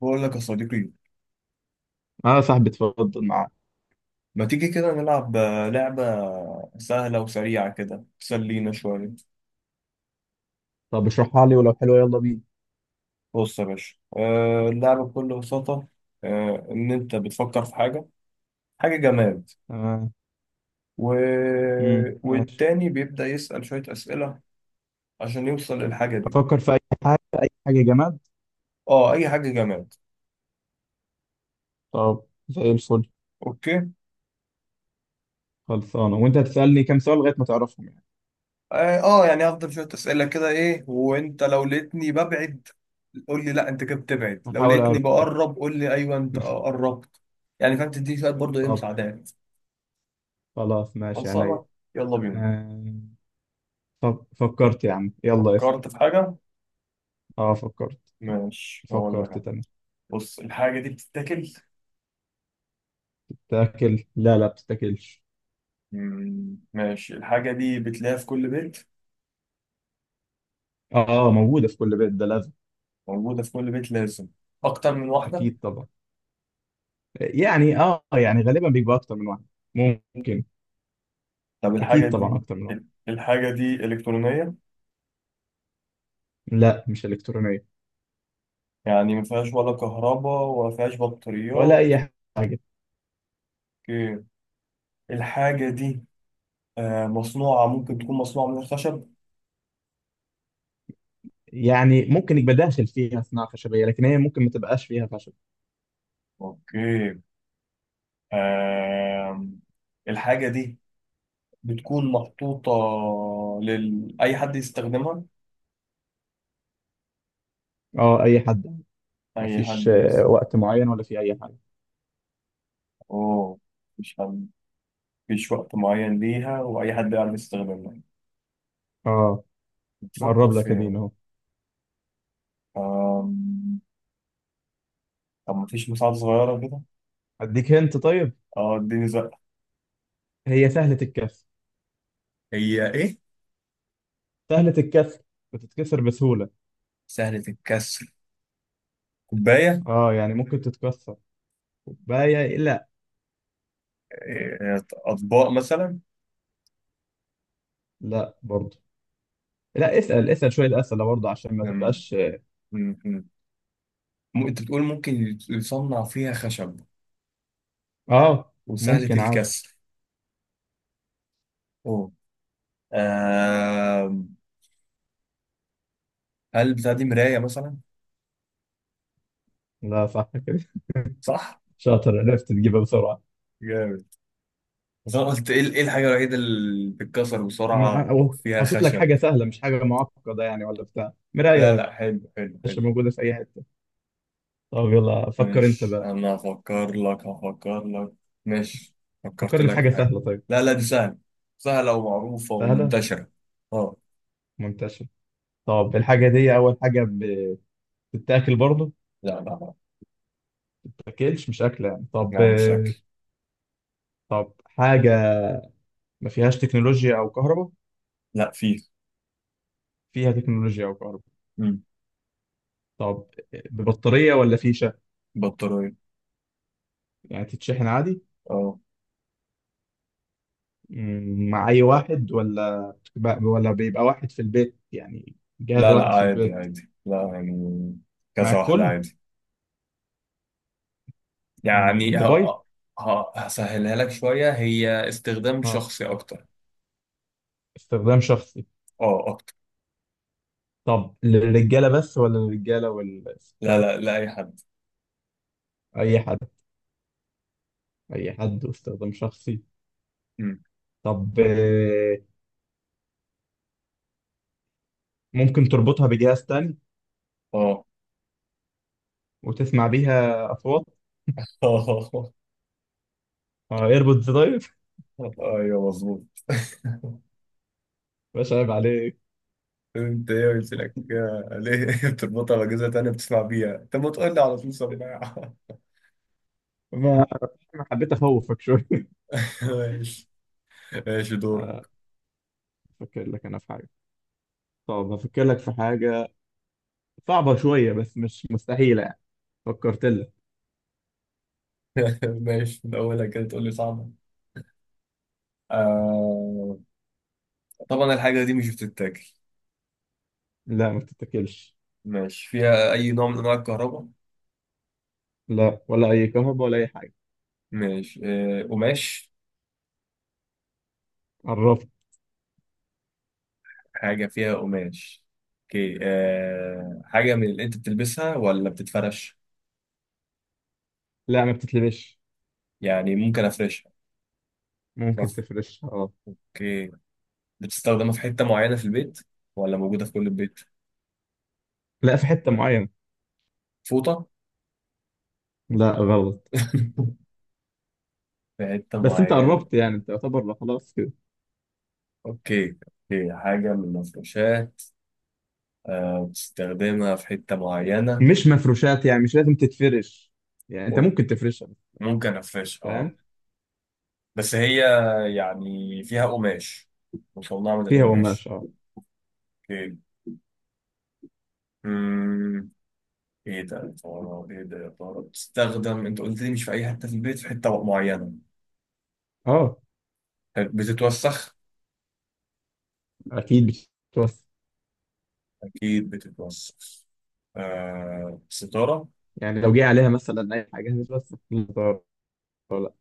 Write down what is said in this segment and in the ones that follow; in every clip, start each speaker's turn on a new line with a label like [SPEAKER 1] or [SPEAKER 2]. [SPEAKER 1] بقول لك يا صديقي،
[SPEAKER 2] اه يا صاحبي، اتفضل معاك.
[SPEAKER 1] ما تيجي كده نلعب لعبة سهلة وسريعة كده تسلينا شوية.
[SPEAKER 2] طب اشرحها لي، ولو حلوة يلا بينا.
[SPEAKER 1] بص يا باشا، اللعبة بكل بساطة إن أنت بتفكر في حاجة، حاجة جماد.
[SPEAKER 2] تمام.
[SPEAKER 1] و...
[SPEAKER 2] ماشي.
[SPEAKER 1] والتاني بيبدأ يسأل شوية أسئلة عشان يوصل للحاجة دي.
[SPEAKER 2] افكر في اي حاجة، اي حاجة جماد.
[SPEAKER 1] اه، أي حاجة جماد.
[SPEAKER 2] طب زي الفل.
[SPEAKER 1] أوكي.
[SPEAKER 2] خلصانة. وانت هتسألني كام سؤال لغاية ما تعرفهم يعني؟
[SPEAKER 1] اه، يعني هفضل شوية أسئلة كده إيه، وأنت لو لقيتني ببعد قول لي لا أنت كده بتبعد، لو
[SPEAKER 2] هحاول
[SPEAKER 1] لقيتني
[SPEAKER 2] اعرف.
[SPEAKER 1] بقرب قول لي أيوه أنت قربت، يعني فاهم؟ تديني شوية برضه إيه
[SPEAKER 2] طب
[SPEAKER 1] مساعدات.
[SPEAKER 2] خلاص، ماشي، عينيا.
[SPEAKER 1] خلصانة. يلا بينا.
[SPEAKER 2] آه. طب فكرت يا عم، يلا اسأل.
[SPEAKER 1] فكرت في حاجة؟
[SPEAKER 2] اه فكرت.
[SPEAKER 1] ماشي هقول لك
[SPEAKER 2] فكرت
[SPEAKER 1] أنا.
[SPEAKER 2] تمام.
[SPEAKER 1] بص، الحاجة دي بتتاكل؟
[SPEAKER 2] تاكل؟ لا، لا، بتتاكلش.
[SPEAKER 1] مم، ماشي. الحاجة دي بتلاقيها في كل بيت.
[SPEAKER 2] اه، موجودة في كل بيت، ده لازم.
[SPEAKER 1] موجودة في كل بيت لازم أكتر من واحدة.
[SPEAKER 2] اكيد طبعا. يعني يعني غالبا بيبقى اكتر من واحد. ممكن.
[SPEAKER 1] طب الحاجة
[SPEAKER 2] اكيد
[SPEAKER 1] دي،
[SPEAKER 2] طبعا، اكتر من واحد.
[SPEAKER 1] الحاجة دي إلكترونية؟
[SPEAKER 2] لا مش الكترونية.
[SPEAKER 1] يعني ما فيهاش ولا كهرباء ولا فيهاش
[SPEAKER 2] ولا
[SPEAKER 1] بطاريات.
[SPEAKER 2] اي حاجه.
[SPEAKER 1] أوكي. الحاجة دي مصنوعة، ممكن تكون مصنوعة من الخشب.
[SPEAKER 2] يعني ممكن يبقى داخل فيها صناعه خشبيه، لكن هي ممكن ما تبقاش فيها خشب.
[SPEAKER 1] أوكي. آم، الحاجة دي بتكون محطوطة لل أي حد يستخدمها.
[SPEAKER 2] اه اي حد.
[SPEAKER 1] أي
[SPEAKER 2] مفيش
[SPEAKER 1] حد يستخدمها.
[SPEAKER 2] وقت معين ولا في اي حاجه؟
[SPEAKER 1] أوه، مش حد، مفيش وقت معين ليها وأي حد يعرف يستخدمها.
[SPEAKER 2] اه
[SPEAKER 1] بتفكر
[SPEAKER 2] بقرب
[SPEAKER 1] في
[SPEAKER 2] لك، قديم
[SPEAKER 1] إيه؟
[SPEAKER 2] اهو.
[SPEAKER 1] آم، طب مفيش مساعدة صغيرة كده؟
[SPEAKER 2] اديك هنت طيب.
[SPEAKER 1] أه اديني زقة.
[SPEAKER 2] هي سهله الكسر.
[SPEAKER 1] هي إيه؟
[SPEAKER 2] سهله الكسر، بتتكسر بسهوله.
[SPEAKER 1] سهلة الكسر؟ كوباية.
[SPEAKER 2] اه يعني ممكن تتكسر. كوبايه؟ لا.
[SPEAKER 1] إيه، أطباق مثلا؟
[SPEAKER 2] لا برضه. لا، اسال شويه اسئله برضه عشان ما
[SPEAKER 1] أم،
[SPEAKER 2] تبقاش.
[SPEAKER 1] أم، أم. أنت بتقول ممكن يصنع فيها خشب
[SPEAKER 2] اه
[SPEAKER 1] وسهلة
[SPEAKER 2] ممكن عادي.
[SPEAKER 1] الكسر. أوه. آم، هل بتاع دي مراية مثلا؟
[SPEAKER 2] لا صح كده.
[SPEAKER 1] صح؟
[SPEAKER 2] شاطر، عرفت تجيبها بسرعه.
[SPEAKER 1] جامد. بس انا قلت ايه، إيه الحاجه الوحيده اللي بتتكسر
[SPEAKER 2] ما
[SPEAKER 1] بسرعه
[SPEAKER 2] أو
[SPEAKER 1] فيها
[SPEAKER 2] حاطط لك
[SPEAKER 1] خشب؟
[SPEAKER 2] حاجة سهلة، مش حاجة معقدة يعني، ولا بتاع مراية
[SPEAKER 1] لا
[SPEAKER 2] يا
[SPEAKER 1] لا، حلو حلو
[SPEAKER 2] باشا،
[SPEAKER 1] حلو.
[SPEAKER 2] موجودة في أي حتة. طب يلا فكر أنت
[SPEAKER 1] ماشي،
[SPEAKER 2] بقى.
[SPEAKER 1] انا هفكر لك، هفكر لك. ماشي. فكرت
[SPEAKER 2] فكر لي في
[SPEAKER 1] لك في
[SPEAKER 2] حاجة
[SPEAKER 1] حاجه.
[SPEAKER 2] سهلة طيب.
[SPEAKER 1] لا لا، دي سهله، سهله ومعروفه
[SPEAKER 2] سهلة
[SPEAKER 1] ومنتشره. اه.
[SPEAKER 2] منتشرة. طب الحاجة دي أول حاجة بتتاكل برضه؟ ما
[SPEAKER 1] لا لا لا.
[SPEAKER 2] بتتاكلش، مش أكلة يعني. طب.
[SPEAKER 1] لا، مش اكل.
[SPEAKER 2] طب حاجة ما فيهاش تكنولوجيا أو كهرباء؟
[SPEAKER 1] لا، فيه.
[SPEAKER 2] فيها تكنولوجيا أو كهرباء.
[SPEAKER 1] مم.
[SPEAKER 2] طب ببطارية ولا فيشة؟
[SPEAKER 1] بطاريه.
[SPEAKER 2] يعني تتشحن عادي.
[SPEAKER 1] اه.
[SPEAKER 2] مع أي واحد ولا بيبقى واحد في البيت، يعني جهاز
[SPEAKER 1] لا لا،
[SPEAKER 2] واحد في
[SPEAKER 1] عادي
[SPEAKER 2] البيت؟
[SPEAKER 1] عادي. لا يعني،
[SPEAKER 2] مع
[SPEAKER 1] كذا واحده
[SPEAKER 2] الكل؟
[SPEAKER 1] عادي. يعني
[SPEAKER 2] موبايل؟
[SPEAKER 1] هسهلها لك شويه، هي استخدام
[SPEAKER 2] اه
[SPEAKER 1] شخصي اكتر.
[SPEAKER 2] استخدام شخصي.
[SPEAKER 1] اه، اكتر.
[SPEAKER 2] طب للرجاله بس ولا للرجاله
[SPEAKER 1] لا
[SPEAKER 2] والستات؟
[SPEAKER 1] لا لا، اي حد.
[SPEAKER 2] اي حد. اي حد واستخدام شخصي. طب ممكن تربطها بجهاز تاني
[SPEAKER 1] اه.
[SPEAKER 2] وتسمع بيها اصوات؟ اه ايربودز طيب.
[SPEAKER 1] ايوه مظبوط.
[SPEAKER 2] مش عيب عليك!
[SPEAKER 1] انت ايه قلت لك ليه بتربطها باجهزه تانية بتسمع بيها، انت ما تقول لي على طول سماعه؟
[SPEAKER 2] ما ما حبيت اخوفك شويه.
[SPEAKER 1] ماشي. ماشي دورك.
[SPEAKER 2] افكر لك انا في حاجه. طب هفكر لك في حاجه، صعبه شويه بس مش مستحيله يعني. فكرت لك.
[SPEAKER 1] ماشي، من اولها كده تقول لي صعبه. آه... طبعا الحاجه دي مش بتتاكل.
[SPEAKER 2] لا، ما بتتاكلش.
[SPEAKER 1] ماشي. فيها اي نوع من انواع الكهرباء؟
[SPEAKER 2] لا، ولا اي كهرباء ولا اي حاجه.
[SPEAKER 1] ماشي. قماش.
[SPEAKER 2] قربت.
[SPEAKER 1] حاجه فيها قماش. اوكي. حاجه من اللي انت بتلبسها ولا بتتفرش؟
[SPEAKER 2] لا، ما بتتلبش.
[SPEAKER 1] يعني ممكن افرشها.
[SPEAKER 2] ممكن تفرشها اه.
[SPEAKER 1] اوكي. بتستخدمها في حتة معينة في البيت ولا موجودة في كل البيت؟
[SPEAKER 2] لا، في حتة معينة.
[SPEAKER 1] فوطة.
[SPEAKER 2] لا غلط.
[SPEAKER 1] في حتة
[SPEAKER 2] بس انت
[SPEAKER 1] معينة.
[SPEAKER 2] قربت يعني، انت يعتبر، لا خلاص كده.
[SPEAKER 1] اوكي. اوكي، حاجة من المفروشات بتستخدمها في حتة معينة.
[SPEAKER 2] مش مفروشات، يعني مش لازم تتفرش. يعني انت
[SPEAKER 1] أوكي.
[SPEAKER 2] ممكن تفرشها.
[SPEAKER 1] ممكن أفرش، اه.
[SPEAKER 2] فاهم.
[SPEAKER 1] بس هي يعني فيها قماش، مصنعة من
[SPEAKER 2] فيها قماش
[SPEAKER 1] القماش.
[SPEAKER 2] اه.
[SPEAKER 1] اوكي. أمم، ايه ده يا ترى، ايه ده يا ترى؟ بتستخدم، انت قلت لي مش في اي حتة في البيت، في حتة معينة.
[SPEAKER 2] اه.
[SPEAKER 1] حلو. بتتوسخ؟
[SPEAKER 2] اكيد بتتوسخ.
[SPEAKER 1] اكيد بتتوسخ. آه ستارة.
[SPEAKER 2] يعني لو جه عليها مثلا اي حاجة هتتوسخ، لا ضرر ولا-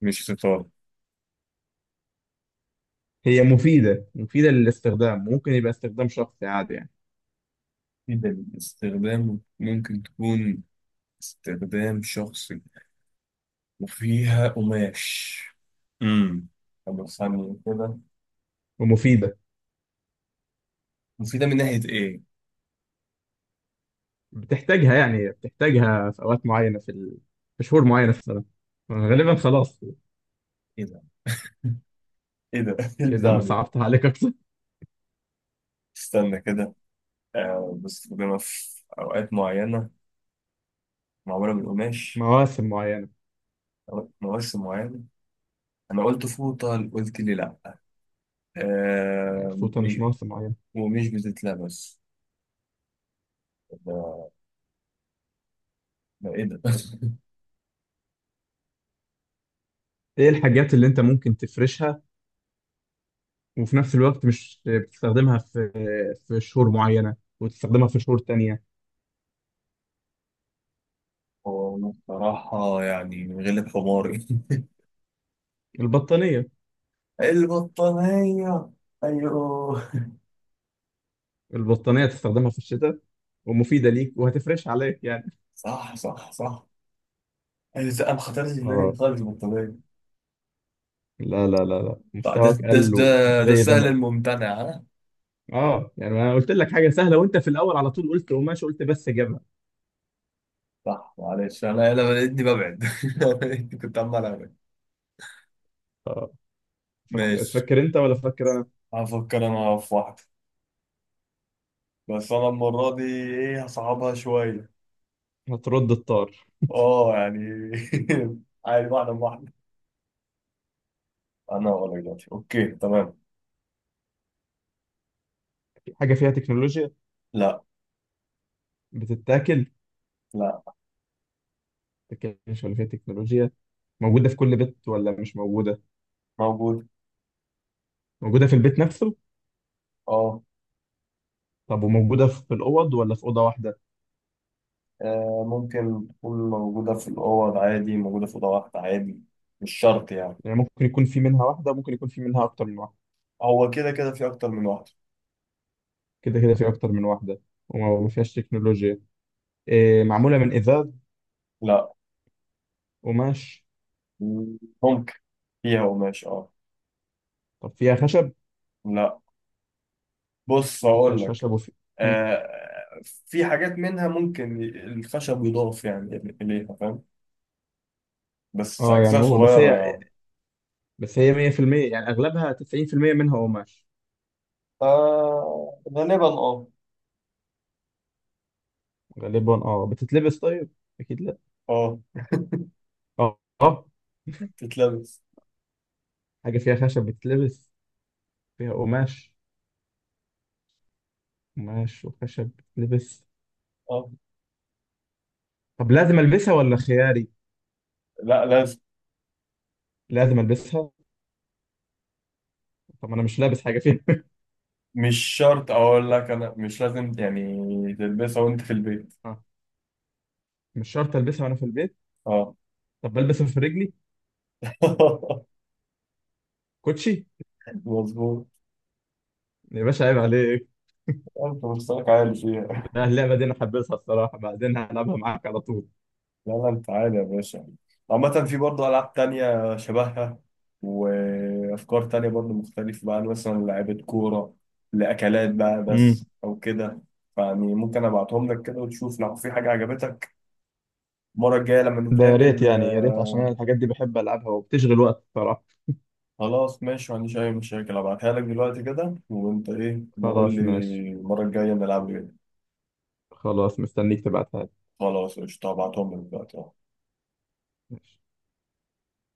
[SPEAKER 1] مش ستارة.
[SPEAKER 2] هي مفيدة للاستخدام، ممكن يبقى استخدام شخصي عادي يعني.
[SPEAKER 1] جدا استخدام، ممكن تكون استخدام شخصي وفيها قماش. امم طب استنى كده.
[SPEAKER 2] ومفيدة.
[SPEAKER 1] مفيدة من ناحية إيه؟
[SPEAKER 2] بتحتاجها في اوقات معينة في شهور معينة في السنة غالبا، خلاص.
[SPEAKER 1] إيه ده؟ إيه ده؟ إيه
[SPEAKER 2] اذا
[SPEAKER 1] البتاع
[SPEAKER 2] انا
[SPEAKER 1] دي؟
[SPEAKER 2] صعبتها عليك اكتر.
[SPEAKER 1] استنى كده. آه بستخدمها في أوقات معينة، معمولة من قماش.
[SPEAKER 2] مواسم معينة.
[SPEAKER 1] مواسم معينة. أنا قلت فوطة قلت لي لأ. آه
[SPEAKER 2] الفوطة مش
[SPEAKER 1] م-
[SPEAKER 2] مواسم معينة.
[SPEAKER 1] ومش بتتلبس. ده، ده إيه ده؟
[SPEAKER 2] ايه الحاجات اللي انت ممكن تفرشها وفي نفس الوقت مش بتستخدمها في شهور معينة وتستخدمها في شهور تانية؟
[SPEAKER 1] هو أنا بصراحة يعني غلب حماري.
[SPEAKER 2] البطانية.
[SPEAKER 1] البطانية. أيوه.
[SPEAKER 2] البطانية تستخدمها في الشتاء، ومفيدة ليك وهتفرش عليك يعني.
[SPEAKER 1] صح صح صح. أيوة لا، ما خطرش في بالي
[SPEAKER 2] اه.
[SPEAKER 1] خالص البطانية.
[SPEAKER 2] لا، لا، لا، لا،
[SPEAKER 1] صح، ده
[SPEAKER 2] مستواك
[SPEAKER 1] ده
[SPEAKER 2] قل
[SPEAKER 1] ده
[SPEAKER 2] ومش
[SPEAKER 1] ده
[SPEAKER 2] زي
[SPEAKER 1] السهل
[SPEAKER 2] زمان.
[SPEAKER 1] الممتنع ها.
[SPEAKER 2] اه يعني انا قلت لك حاجة سهلة، وانت في الاول على طول قلت قماش، قلت بس جبهة.
[SPEAKER 1] صح معلش، أنا لقيتني ببعد. كنت عمال أبعد. ماشي.
[SPEAKER 2] تفكر انت ولا فكر انا؟
[SPEAKER 1] هفكر أنا في واحدة. بس أنا المرة دي إيه هصعبها شوية.
[SPEAKER 2] هترد الطار.
[SPEAKER 1] أه يعني. عادي، واحدة بواحدة. أنا هقول لك دلوقتي. أوكي تمام.
[SPEAKER 2] حاجة فيها تكنولوجيا؟
[SPEAKER 1] لا.
[SPEAKER 2] بتتاكل؟
[SPEAKER 1] لا.
[SPEAKER 2] ما تتاكلش ولا فيها تكنولوجيا. موجودة في كل بيت ولا مش موجودة؟
[SPEAKER 1] موجود.
[SPEAKER 2] موجودة في البيت نفسه؟
[SPEAKER 1] أه،
[SPEAKER 2] طب وموجودة في الأوض ولا في أوضة واحدة؟
[SPEAKER 1] ممكن تكون موجودة في الأوض عادي، موجودة في أوضة واحدة عادي. مش شرط يعني.
[SPEAKER 2] يعني ممكن يكون في منها واحدة، ممكن يكون في منها أكتر من واحدة؟
[SPEAKER 1] هو كده كده في أكتر من واحدة.
[SPEAKER 2] كده كده في أكتر من واحدة. وما فيهاش تكنولوجيا. إيه، معمولة من إزاز؟
[SPEAKER 1] لا.
[SPEAKER 2] قماش؟
[SPEAKER 1] ممكن. فيها قماش، أه.
[SPEAKER 2] طب فيها خشب؟
[SPEAKER 1] لا. بص
[SPEAKER 2] ما
[SPEAKER 1] هقول
[SPEAKER 2] فيهاش
[SPEAKER 1] لك،
[SPEAKER 2] خشب وفي... مم.
[SPEAKER 1] آه في حاجات منها ممكن الخشب يضاف يعني إليها، فاهم؟ بس
[SPEAKER 2] اه يعني،
[SPEAKER 1] أجزاء
[SPEAKER 2] مو بس
[SPEAKER 1] صغيرة
[SPEAKER 2] هي.
[SPEAKER 1] يعني.
[SPEAKER 2] بس هي 100%، يعني أغلبها 90% منها قماش
[SPEAKER 1] آه غالبا أه.
[SPEAKER 2] غالبا. اه بتتلبس طيب؟ أكيد لا.
[SPEAKER 1] أه
[SPEAKER 2] اه، اه.
[SPEAKER 1] تتلبس
[SPEAKER 2] حاجة فيها خشب بتتلبس؟ فيها قماش. قماش وخشب بتتلبس؟
[SPEAKER 1] أه.
[SPEAKER 2] طب لازم ألبسها ولا خياري؟
[SPEAKER 1] لا، لازم.
[SPEAKER 2] لازم ألبسها. طب أنا مش لابس حاجة فيها.
[SPEAKER 1] مش شرط، أقول لك أنا مش لازم يعني تلبسها وأنت في البيت.
[SPEAKER 2] مش شرط البسها وانا في البيت.
[SPEAKER 1] أه
[SPEAKER 2] طب بلبسها في رجلي؟ كوتشي!
[SPEAKER 1] مظبوط.
[SPEAKER 2] يا باشا عيب عليك.
[SPEAKER 1] انت مستواك عالي فيها.
[SPEAKER 2] لا، اللعبه دي انا حابسها الصراحه، بعدين هلعبها معاك على طول.
[SPEAKER 1] لا لا، انت عالي يا باشا. عامة في برضه ألعاب تانية شبهها وأفكار تانية برضه مختلفة بقى، مثلا لعيبة كورة، لأكلات بقى بس
[SPEAKER 2] امم.
[SPEAKER 1] أو كده. فيعني ممكن أبعتهم لك كده وتشوف لو في حاجة عجبتك المرة الجاية لما
[SPEAKER 2] ده يا ريت
[SPEAKER 1] نتقابل.
[SPEAKER 2] يعني، يا ريت، عشان انا الحاجات دي بحب العبها وبتشغل وقت الصراحه.
[SPEAKER 1] خلاص ماشي، ما عنديش أي مشاكل. أبعتها لك دلوقتي كده وأنت إيه بقول لي
[SPEAKER 2] خلاص ماشي.
[SPEAKER 1] المرة الجاية نلعب إيه.
[SPEAKER 2] خلاص، مستنيك تبعتها لي.
[SPEAKER 1] خلاص قشطة، هبعتهم لك دلوقتي أهو.
[SPEAKER 2] ماشي.